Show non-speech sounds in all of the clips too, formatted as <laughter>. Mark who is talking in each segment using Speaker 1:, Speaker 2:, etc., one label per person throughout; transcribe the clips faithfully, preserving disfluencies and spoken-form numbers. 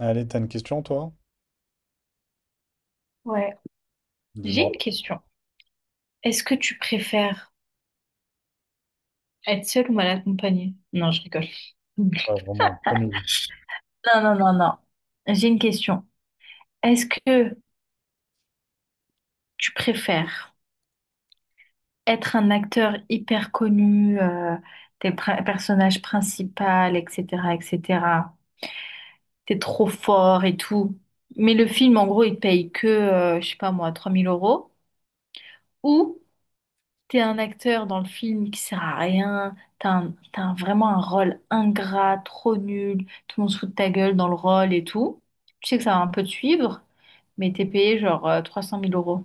Speaker 1: Allez, t'as une question, toi?
Speaker 2: Ouais. J'ai une
Speaker 1: Dis-moi.
Speaker 2: question. Est-ce que tu préfères être seule ou mal accompagnée? Non, je rigole.
Speaker 1: Ouais, vraiment, prends le.
Speaker 2: Non, non, non, non. J'ai une question. Est-ce que tu préfères être un acteur hyper connu, euh, t'es le pri- personnage principal, et cetera, et cetera. T'es trop fort et tout. Mais le film, en gros, il te paye que, euh, je sais pas moi, trois mille euros, ou. T'es un acteur dans le film qui sert à rien, t'as un- t'as un- vraiment un rôle ingrat, trop nul, tout le monde se fout de ta gueule dans le rôle et tout. Tu sais que ça va un peu te suivre, mais t'es payé genre euh, trois cent mille euros.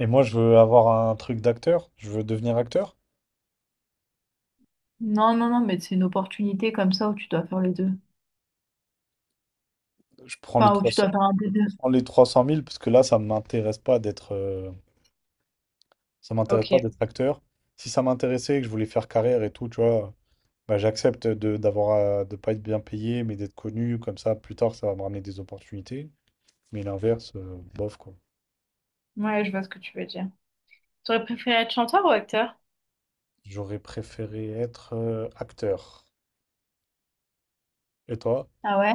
Speaker 1: Et moi, je veux avoir un truc d'acteur. Je veux devenir acteur.
Speaker 2: Non, non, non, mais c'est une opportunité comme ça où tu dois faire les deux.
Speaker 1: Je prends les
Speaker 2: Enfin, où
Speaker 1: trois
Speaker 2: tu
Speaker 1: cents.
Speaker 2: dois faire un des deux.
Speaker 1: Je prends les trois cent mille parce que là, ça m'intéresse pas d'être, euh, ça m'intéresse
Speaker 2: Ok,
Speaker 1: pas d'être acteur. Si ça m'intéressait, que je voulais faire carrière et tout, tu vois, bah, j'accepte de d'avoir à- de pas être bien payé, mais d'être connu comme ça. Plus tard, ça va me ramener des opportunités. Mais l'inverse, euh, bof quoi.
Speaker 2: ouais, je vois ce que tu veux dire. T'aurais préféré être chanteur ou acteur?
Speaker 1: J'aurais préféré être euh, acteur. Et toi?
Speaker 2: Ah ouais?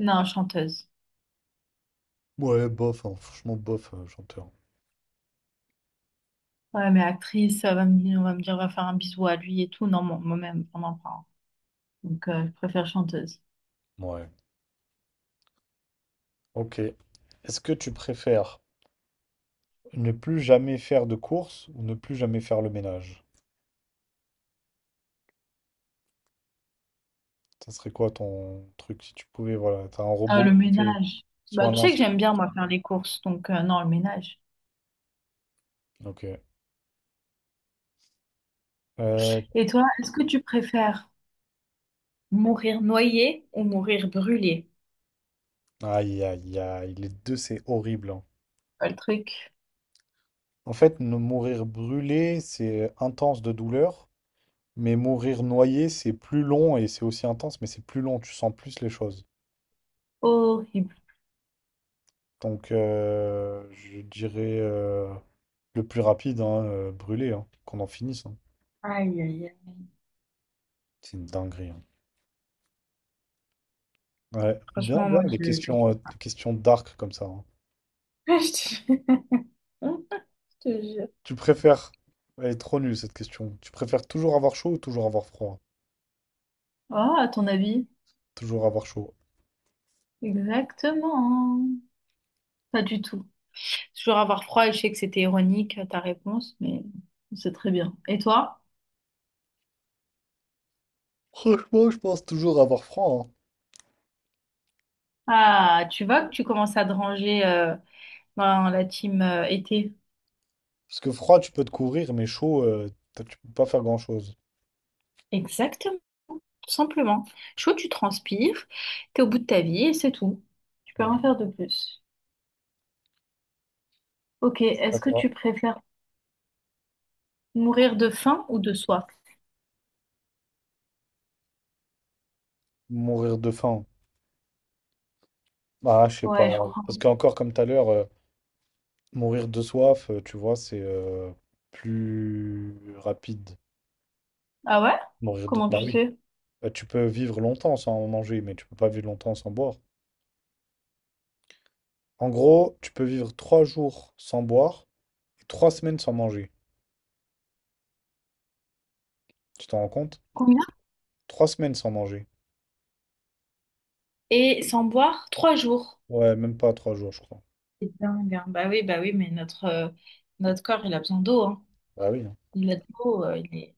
Speaker 2: Non, chanteuse.
Speaker 1: Ouais, bof, hein. Franchement, bof, euh, chanteur.
Speaker 2: Ouais, mais actrice, on va me dire, on va me dire, on va faire un bisou à lui et tout. Non, moi- moi-même, on en prend. Donc, euh, je préfère chanteuse.
Speaker 1: Ouais. Ok. Est-ce que tu préfères ne plus jamais faire de course ou ne plus jamais faire le ménage? Ça serait quoi ton truc si tu pouvais, voilà, t'as un
Speaker 2: Ah, le
Speaker 1: robot qui fait
Speaker 2: ménage.
Speaker 1: soit
Speaker 2: Bah,
Speaker 1: un
Speaker 2: tu sais que
Speaker 1: lance.
Speaker 2: j'aime bien, moi, faire les courses, donc euh, non, le ménage.
Speaker 1: Ok. Euh,
Speaker 2: Et toi, est-ce que tu préfères mourir noyé ou mourir brûlé?
Speaker 1: aïe, aïe, aïe, les deux, c'est horrible, hein.
Speaker 2: Ah, Le truc
Speaker 1: En fait, ne mourir brûlé, c'est intense de douleur, mais mourir noyé, c'est plus long et c'est aussi intense, mais c'est plus long, tu sens plus les choses.
Speaker 2: horrible.
Speaker 1: Donc, euh, je dirais euh, le plus rapide, hein, euh, brûlé, hein, qu'on en finisse, hein.
Speaker 2: Aïe, aïe, aïe.
Speaker 1: C'est une dinguerie, hein. Ouais, bien,
Speaker 2: Franchement,
Speaker 1: bien,
Speaker 2: moi,
Speaker 1: les
Speaker 2: je, je
Speaker 1: questions, euh,
Speaker 2: sais pas.
Speaker 1: les questions dark comme ça, hein.
Speaker 2: <laughs> Je te jure. <laughs> Je te jure.
Speaker 1: Tu préfères... Elle est trop nulle cette question. Tu préfères toujours avoir chaud ou toujours avoir froid?
Speaker 2: Oh, à ton avis?
Speaker 1: Toujours avoir chaud.
Speaker 2: Exactement. Pas du tout. Toujours avoir froid et je sais que c'était ironique, euh, ta réponse, mais c'est très bien. Et toi?
Speaker 1: Franchement, je pense toujours avoir froid, hein.
Speaker 2: Ah, tu vois que tu commences à te ranger euh, dans la team euh, été.
Speaker 1: Parce que froid, tu peux te couvrir, mais chaud, euh, t'as- tu peux pas faire grand-chose.
Speaker 2: Exactement, tout simplement. Chaud, tu transpires, t'es au bout de ta vie et c'est tout. Tu peux rien
Speaker 1: Ouais.
Speaker 2: faire de plus. Ok, est-ce que
Speaker 1: D'accord.
Speaker 2: tu préfères... Mourir de faim ou de soif?
Speaker 1: Mourir de faim. Ah, je sais
Speaker 2: Ouais, je
Speaker 1: pas.
Speaker 2: crois.
Speaker 1: Parce qu'encore comme tout à l'heure, euh, mourir de soif, euh, tu vois, c'est euh, plus rapide.
Speaker 2: Ah ouais?
Speaker 1: Mourir de... Bah,
Speaker 2: Comment
Speaker 1: bah,
Speaker 2: tu
Speaker 1: oui, oui.
Speaker 2: sais?
Speaker 1: Bah, tu peux vivre longtemps sans manger, mais tu peux pas vivre longtemps sans boire. En gros, tu peux vivre trois jours sans boire et trois semaines sans manger. Tu t'en rends compte?
Speaker 2: Combien?
Speaker 1: Trois semaines sans manger.
Speaker 2: Et sans boire, trois jours.
Speaker 1: Ouais, même pas trois jours, je crois.
Speaker 2: C'est dingue, hein. Bah oui, bah oui, mais notre, euh, notre corps, il a besoin d'eau, hein.
Speaker 1: Bah oui, hein.
Speaker 2: Il a de l'eau, euh, il est...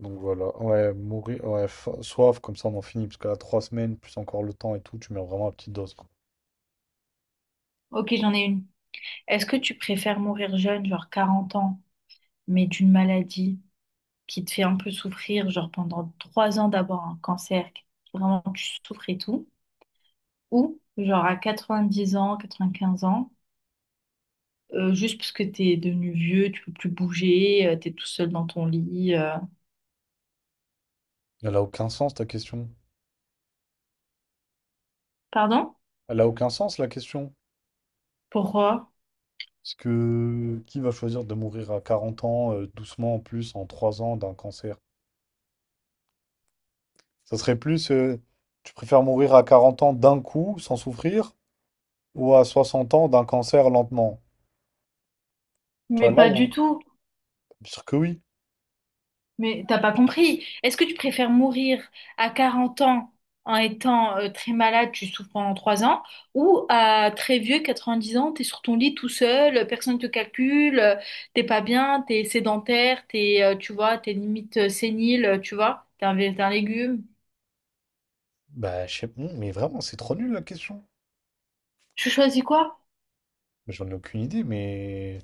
Speaker 1: Donc voilà. Ouais, mourir. Ouais, fa- soif, comme ça on en finit. Parce que là, trois semaines, plus encore le temps et tout, tu mets vraiment à petite dose, quoi.
Speaker 2: Ok, j'en ai une. Est-ce que tu préfères mourir jeune, genre quarante ans, mais d'une maladie? qui te fait un peu souffrir, genre pendant trois ans d'avoir un cancer, vraiment tu souffres et tout, ou genre à quatre-vingt-dix ans, quatre-vingt-quinze ans, euh, juste parce que t'es devenu vieux, tu peux plus bouger, euh, t'es tout seul dans ton lit. euh.
Speaker 1: Elle a aucun sens ta question.
Speaker 2: Pardon?
Speaker 1: Elle a aucun sens la question.
Speaker 2: Pourquoi?
Speaker 1: Parce que qui va choisir de mourir à quarante ans, euh, doucement en plus, en trois ans d'un cancer? Ça serait plus, euh, tu préfères mourir à quarante ans d'un coup, sans souffrir? Ou à soixante ans d'un cancer lentement? Tu vois,
Speaker 2: Mais
Speaker 1: là,
Speaker 2: pas
Speaker 1: il y a
Speaker 2: du tout.
Speaker 1: que oui.
Speaker 2: Mais t'as pas compris. Est-ce que tu préfères mourir à quarante ans en étant euh, très malade, tu souffres pendant trois ans, ou à très vieux, quatre-vingt-dix ans, t'es sur ton lit tout seul, personne te calcule, euh, t'es pas bien, t'es sédentaire, t'es, euh, tu vois, t'es limite euh, sénile, euh, tu vois, t'es un, vé- t'es un légume.
Speaker 1: Bah, je sais pas, mais vraiment, c'est trop nul la question.
Speaker 2: Je choisis quoi?
Speaker 1: Mais j'en ai aucune idée, mais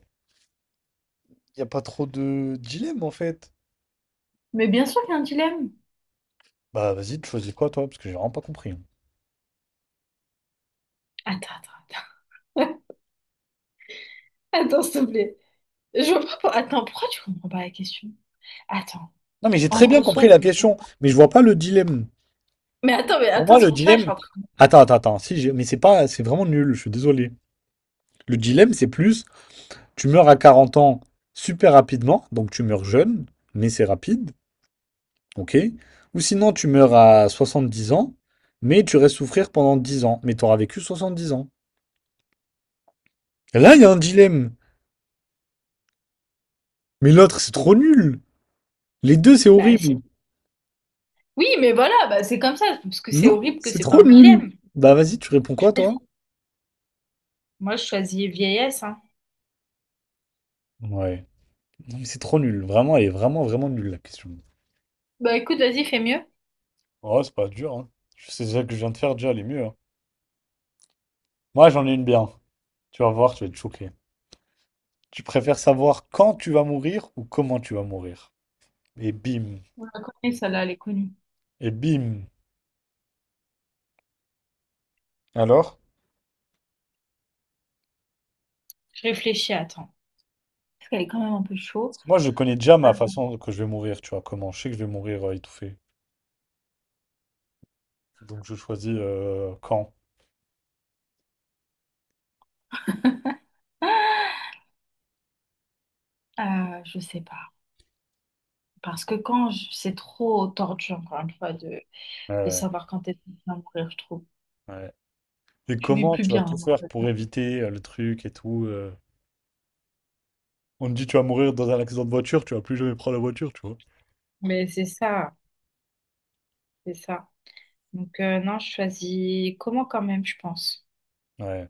Speaker 1: il n'y a pas trop de dilemme en fait.
Speaker 2: Mais bien sûr qu'il y a un dilemme.
Speaker 1: Bah, vas-y, tu choisis quoi toi? Parce que j'ai vraiment pas compris, hein.
Speaker 2: Attends, attends, attends. <laughs> Attends, s'il te plaît. Je vois pas- Attends, pourquoi tu comprends pas la question? Attends.
Speaker 1: Non, mais j'ai
Speaker 2: En
Speaker 1: très bien
Speaker 2: gros,
Speaker 1: compris
Speaker 2: soit
Speaker 1: la
Speaker 2: c'est...
Speaker 1: question, mais je vois pas le dilemme.
Speaker 2: Mais attends, mais
Speaker 1: Pour
Speaker 2: attends,
Speaker 1: moi,
Speaker 2: c'est
Speaker 1: le
Speaker 2: pour ça que je
Speaker 1: dilemme.
Speaker 2: suis en train...
Speaker 1: Attends, attends, attends. Si, j'ai- mais c'est pas, c'est vraiment nul, je suis désolé. Le dilemme, c'est plus, tu meurs à quarante ans super rapidement, donc tu meurs jeune, mais c'est rapide. OK? Ou sinon, tu meurs à soixante-dix ans, mais tu restes souffrir pendant dix ans. Mais tu t'auras vécu soixante-dix ans. Et là, il y a un dilemme. Mais l'autre, c'est trop nul. Les deux, c'est
Speaker 2: Bah,
Speaker 1: horrible.
Speaker 2: Oui, mais voilà, bah, c'est comme ça, parce que c'est
Speaker 1: Non,
Speaker 2: horrible que
Speaker 1: c'est
Speaker 2: c'est pas
Speaker 1: trop
Speaker 2: un
Speaker 1: nul.
Speaker 2: dilemme.
Speaker 1: Bah, vas-y, tu réponds
Speaker 2: Tu
Speaker 1: quoi, toi?
Speaker 2: choisis. Moi, je choisis vieillesse, hein.
Speaker 1: Ouais. Non, mais c'est trop nul. Vraiment, elle est vraiment, vraiment nulle, la question.
Speaker 2: Bah écoute, vas-y, fais mieux.
Speaker 1: Oh, c'est pas dur, hein. Je sais déjà que je viens de faire, déjà, elle est mieux, hein. Moi, j'en ai une bien. Tu vas voir, tu vas être choqué. Tu préfères savoir quand tu vas mourir ou comment tu vas mourir? Et bim.
Speaker 2: On la connaît, celle-là, elle est connue.
Speaker 1: Et bim. Alors?
Speaker 2: Je réfléchis, attends. Parce qu'elle est quand même un peu chaud.
Speaker 1: Moi, je connais déjà
Speaker 2: Euh,
Speaker 1: ma façon que je vais mourir, tu vois, comment. Je sais que je vais mourir euh, étouffé. Donc, je choisis euh, quand.
Speaker 2: euh, je sais pas. Parce que quand je- c'est trop tordu, encore une fois, de, de
Speaker 1: Ouais,
Speaker 2: savoir quand est-ce que tu vas mourir, je trouve.
Speaker 1: ouais, ouais. Et
Speaker 2: Tu vis
Speaker 1: comment
Speaker 2: plus
Speaker 1: tu vas
Speaker 2: bien,
Speaker 1: tout
Speaker 2: en
Speaker 1: faire
Speaker 2: fait.
Speaker 1: pour éviter euh, le truc et tout, euh. On te dit, tu vas mourir dans un accident de voiture, tu vas plus jamais prendre la voiture, tu vois.
Speaker 2: Mais c'est ça, c'est ça. Donc euh, non, je choisis comment quand même, je pense.
Speaker 1: Ouais,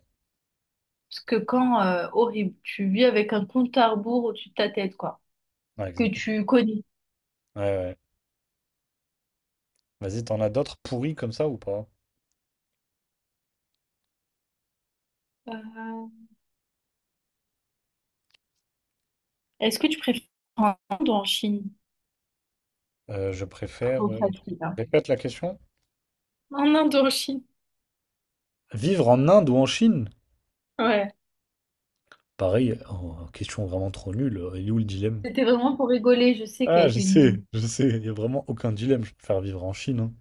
Speaker 2: Parce que quand, euh, horrible, tu vis avec un compte à rebours au-dessus de ta tête, quoi.
Speaker 1: ouais,
Speaker 2: Que
Speaker 1: exactement.
Speaker 2: tu connais.
Speaker 1: Ouais, ouais. Vas-y, t'en as d'autres pourris comme ça ou pas?
Speaker 2: Euh, Est-ce que tu préfères en Inde ou en Chine?
Speaker 1: Euh, je préfère.
Speaker 2: Trop
Speaker 1: euh,
Speaker 2: facile, hein.
Speaker 1: Répète la question.
Speaker 2: En Inde ou en Chine?
Speaker 1: Vivre en Inde ou en Chine?
Speaker 2: Ouais.
Speaker 1: Pareil, oh, question vraiment trop nulle. Il est où le dilemme?
Speaker 2: C'était vraiment pour rigoler, je sais qu'elle
Speaker 1: Ah, je
Speaker 2: était nulle.
Speaker 1: sais, je sais. Il n'y a vraiment aucun dilemme. Je préfère vivre en Chine, hein.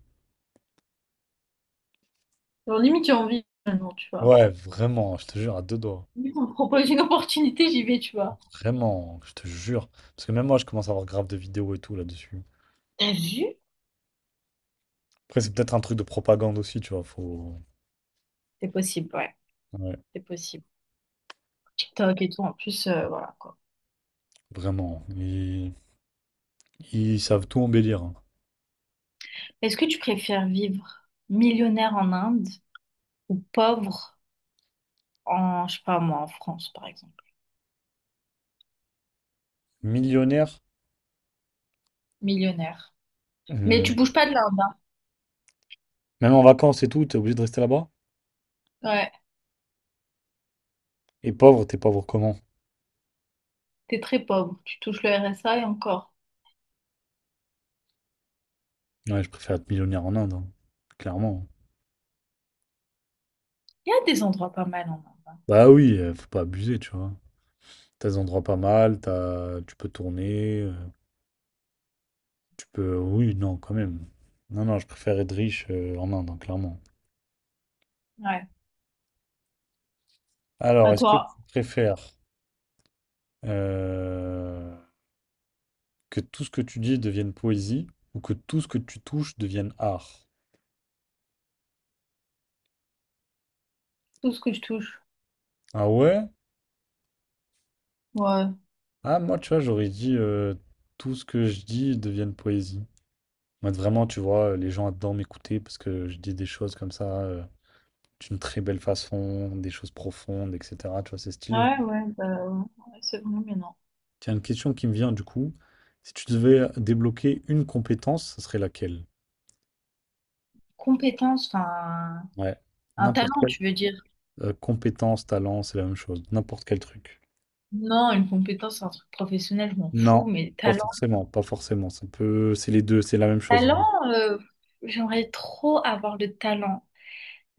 Speaker 2: Genre, limite, j'ai envie maintenant, tu vois.
Speaker 1: Ouais, vraiment, je te jure, à deux doigts.
Speaker 2: Limite, on me propose une <laughs> opportunité, j'y vais, tu vois.
Speaker 1: Vraiment, je te jure. Parce que même moi, je commence à avoir grave de vidéos et tout là-dessus.
Speaker 2: T'as vu?
Speaker 1: Après, c'est peut-être un truc de propagande aussi, tu vois. Faut...
Speaker 2: C'est possible, ouais.
Speaker 1: Ouais,
Speaker 2: C'est possible. TikTok et tout, en plus, euh, voilà, quoi.
Speaker 1: vraiment. Ils, ils savent tout embellir, hein.
Speaker 2: Est-ce que tu préfères vivre millionnaire en Inde ou pauvre en, je sais pas moi, en France, par exemple?
Speaker 1: Millionnaire,
Speaker 2: Millionnaire. Mais
Speaker 1: euh,
Speaker 2: tu bouges pas de l'Inde, hein?
Speaker 1: même en vacances et tout, t'es obligé de rester là-bas.
Speaker 2: Ouais,
Speaker 1: Et pauvre, t'es pauvre comment?
Speaker 2: t'es très pauvre, tu touches le R S A et encore.
Speaker 1: Ouais, je préfère être millionnaire en Inde, hein. Clairement.
Speaker 2: Il y a des endroits pas mal en Inde. hein.
Speaker 1: Bah oui, euh, faut pas abuser, tu vois. T'as des endroits pas mal, t'as... tu peux tourner, euh, tu peux... Oui, non, quand même. Non, non, je préfère être riche euh, en Inde, hein, clairement.
Speaker 2: Ouais. À
Speaker 1: Alors, est-ce que tu
Speaker 2: toi,
Speaker 1: préfères euh, que tout ce que tu dis devienne poésie ou que tout ce que tu touches devienne art?
Speaker 2: tout ce que je touche.
Speaker 1: Ah ouais?
Speaker 2: Ouais,
Speaker 1: Ah, moi, tu vois, j'aurais dit euh, tout ce que je dis devienne poésie. Moi, vraiment, tu vois, euh, les gens adorent m'écouter parce que je dis des choses comme ça euh, d'une très belle façon, des choses profondes, et cetera. Tu vois, c'est stylé.
Speaker 2: ouais, ouais, bah, ouais, c'est vraiment bien, non.
Speaker 1: Tiens, une question qui me vient du coup. Si tu devais débloquer une compétence, ce serait laquelle?
Speaker 2: Compétence, enfin,
Speaker 1: Ouais,
Speaker 2: un
Speaker 1: n'importe.
Speaker 2: talent, tu veux dire.
Speaker 1: Euh, compétences, talents, c'est la même chose. N'importe quel truc.
Speaker 2: Non, une compétence, c'est un truc professionnel, je m'en
Speaker 1: Non,
Speaker 2: fous, mais
Speaker 1: pas
Speaker 2: talent.
Speaker 1: forcément, pas forcément. Ça peut, c'est les deux, c'est la même chose en
Speaker 2: Talent,
Speaker 1: gros.
Speaker 2: euh, j'aimerais trop avoir le talent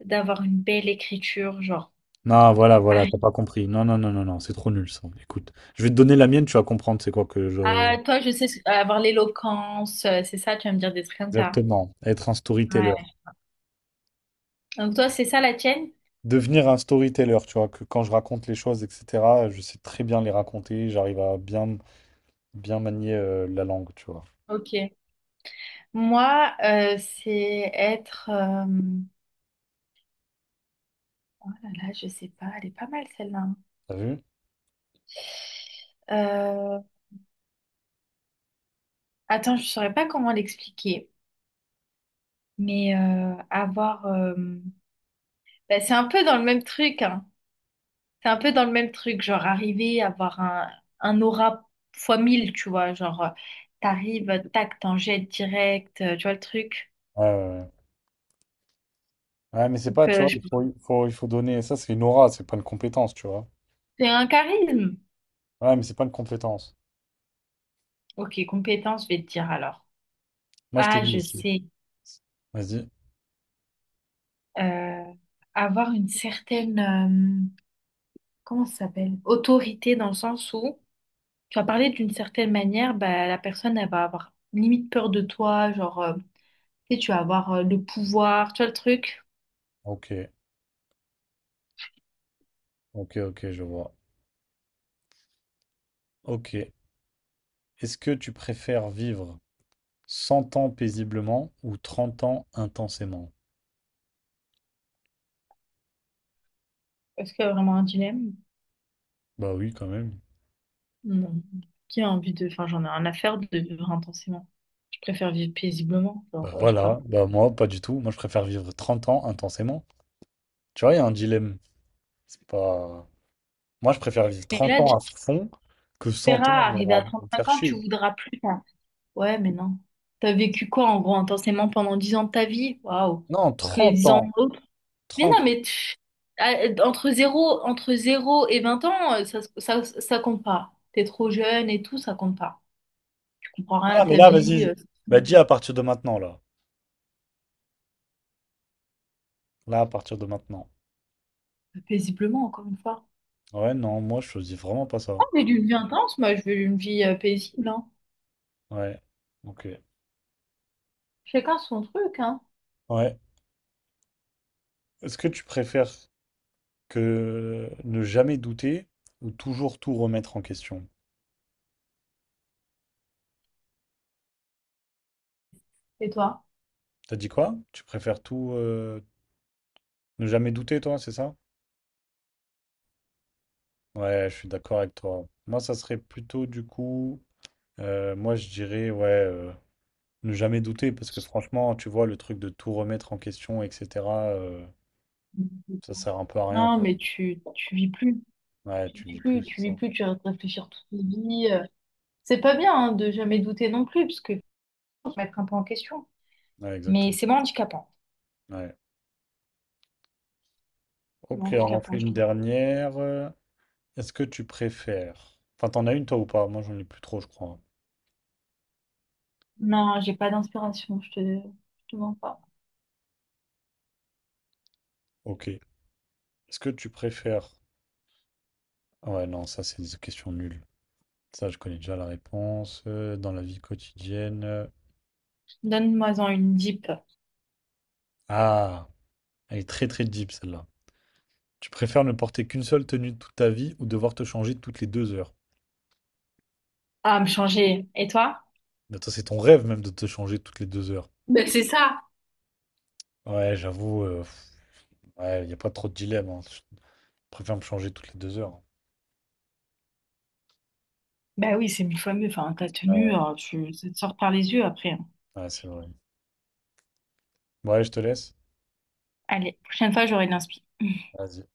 Speaker 2: d'avoir une belle écriture, genre.
Speaker 1: Non, voilà, voilà,
Speaker 2: arri-
Speaker 1: t'as pas compris. Non, non, non, non, non, c'est trop nul ça. Écoute, je vais te donner la mienne, tu vas comprendre c'est quoi que je.
Speaker 2: Ah, toi, je sais, ce- avoir l'éloquence, euh, c'est ça, tu vas me dire des trucs comme ça.
Speaker 1: Exactement, être un storyteller.
Speaker 2: Ouais. Donc toi, c'est ça la tienne?
Speaker 1: Devenir un storyteller, tu vois, que quand je raconte les choses, et cetera, je sais très bien les raconter, j'arrive à bien, bien manier euh, la langue, tu vois.
Speaker 2: Ok. Moi, euh, c'est être... euh, Oh là là, je sais pas, elle est pas mal celle-là.
Speaker 1: T'as vu?
Speaker 2: Euh, attends, je saurais pas comment l'expliquer, mais euh, avoir, euh, bah, c'est un peu dans le même truc, hein. C'est un peu dans le même truc, genre arriver à avoir un, un, aura fois mille, tu vois, genre euh, t'arrives, tac, t'en jettes direct, euh, tu vois le truc.
Speaker 1: Ouais, ouais, ouais. Ouais, mais c'est pas,
Speaker 2: Donc
Speaker 1: tu
Speaker 2: euh,
Speaker 1: vois,
Speaker 2: je-
Speaker 1: il faut, il faut, il faut donner. Ça, c'est une aura, c'est pas une compétence, tu vois.
Speaker 2: c'est un charisme.
Speaker 1: Ouais, mais c'est pas une compétence.
Speaker 2: Ok, compétence, je vais te dire alors.
Speaker 1: Moi, je t'ai
Speaker 2: Ah,
Speaker 1: dit
Speaker 2: je
Speaker 1: ici.
Speaker 2: sais.
Speaker 1: Vas-y.
Speaker 2: Euh, avoir une certaine, euh, comment ça s'appelle? Autorité dans le sens où Tu vas parler d'une certaine manière, bah, la personne, elle va avoir limite peur de toi, genre, euh, tu sais, tu vas avoir euh, le pouvoir, tu vois le truc?
Speaker 1: Ok, ok, ok, je vois. Ok. Est-ce que tu préfères vivre cent ans paisiblement ou trente ans intensément?
Speaker 2: Est-ce qu'il y a vraiment un dilemme?
Speaker 1: Bah oui, quand même.
Speaker 2: Non. Qui a envie de... Enfin, j'en ai rien à faire de vivre intensément. Je préfère vivre paisiblement, genre,
Speaker 1: Bah
Speaker 2: euh, je sais pas.
Speaker 1: voilà, bah moi, pas du tout. Moi, je préfère vivre trente ans intensément. Tu vois, il y a un dilemme. C'est pas... Moi, je préfère vivre
Speaker 2: Mais
Speaker 1: trente
Speaker 2: là,
Speaker 1: ans
Speaker 2: déjà,
Speaker 1: à fond que
Speaker 2: tu
Speaker 1: cent ans
Speaker 2: verras, arrivé
Speaker 1: à
Speaker 2: à
Speaker 1: me
Speaker 2: trente-cinq
Speaker 1: faire
Speaker 2: ans, tu
Speaker 1: chier.
Speaker 2: voudras plus. hein. Ouais, mais non. T'as vécu quoi, en gros, intensément pendant dix ans de ta vie? Waouh.
Speaker 1: Non,
Speaker 2: Parce que les
Speaker 1: trente
Speaker 2: dix ans,
Speaker 1: ans.
Speaker 2: Mais
Speaker 1: trente.
Speaker 2: non, mais tu- ah, entre zéro entre zéro et vingt ans, euh, ça, ça, ça compte pas. T'es trop jeune et tout, ça compte pas. Tu comprends rien
Speaker 1: Ah,
Speaker 2: à
Speaker 1: mais
Speaker 2: ta
Speaker 1: là, vas-y.
Speaker 2: vie,
Speaker 1: je-
Speaker 2: euh,
Speaker 1: Bah dis à partir de maintenant, là. Là, à partir de maintenant.
Speaker 2: paisiblement, encore une fois.
Speaker 1: Ouais, non, moi, je choisis vraiment pas ça.
Speaker 2: Moi, j'ai une vie intense, moi, je veux une vie euh, paisible, hein.
Speaker 1: Ouais, ok.
Speaker 2: Chacun son truc, hein.
Speaker 1: Ouais. Est-ce que tu préfères que ne jamais douter ou toujours tout remettre en question?
Speaker 2: Et toi?
Speaker 1: T'as dit quoi? Tu préfères tout euh, ne jamais douter, toi, c'est ça? Ouais, je suis d'accord avec toi. Moi, ça serait plutôt du coup, euh, moi, je dirais, ouais, euh, ne jamais douter parce que franchement, tu vois, le truc de tout remettre en question, et cetera, euh, ça sert un peu à rien,
Speaker 2: Non,
Speaker 1: quoi.
Speaker 2: mais tu, tu vis plus.
Speaker 1: Ouais,
Speaker 2: Tu
Speaker 1: tu
Speaker 2: vis
Speaker 1: vis plus,
Speaker 2: plus,
Speaker 1: c'est
Speaker 2: tu vis
Speaker 1: ça.
Speaker 2: plus, tu vas réfléchir toute ta vie. euh. C'est pas bien, hein, de jamais douter non plus, parce que faut se mettre un peu en question.
Speaker 1: Ouais,
Speaker 2: Mais
Speaker 1: exactement.
Speaker 2: c'est moins handicapant.
Speaker 1: Ouais.
Speaker 2: C'est
Speaker 1: Ok,
Speaker 2: moins
Speaker 1: on en fait
Speaker 2: handicapant, je
Speaker 1: une
Speaker 2: trouve.
Speaker 1: dernière. Est-ce que tu préfères... Enfin, t'en as une toi ou pas? Moi, j'en ai plus trop, je crois, hein.
Speaker 2: Non, j'ai pas d'inspiration, je te, je te mens pas.
Speaker 1: Ok. Est-ce que tu préfères... Ah, ouais, non, ça, c'est des questions nulles. Ça, je connais déjà la réponse. Euh, Dans la vie quotidienne... euh,
Speaker 2: Donne-moi-en une deep.
Speaker 1: Ah, elle est très, très deep, celle-là. Tu préfères ne porter qu'une seule tenue toute ta vie ou devoir te changer toutes les deux heures?
Speaker 2: Ah, me changer. Et toi?
Speaker 1: Mais attends, c'est ton rêve même de te changer toutes les deux heures.
Speaker 2: Ben, c'est ça.
Speaker 1: Ouais, j'avoue, euh, pff, ouais, y a pas trop de dilemme, hein. Je préfère me changer toutes les deux heures, hein.
Speaker 2: Bah oui, c'est mille fois mieux. Enfin, ta tenue, euh, tu, ça te sort par les yeux après. hein.
Speaker 1: Ouais, ouais, c'est vrai. Ouais, je te laisse.
Speaker 2: Allez, prochaine fois, j'aurai de l'inspiration.
Speaker 1: Vas-y.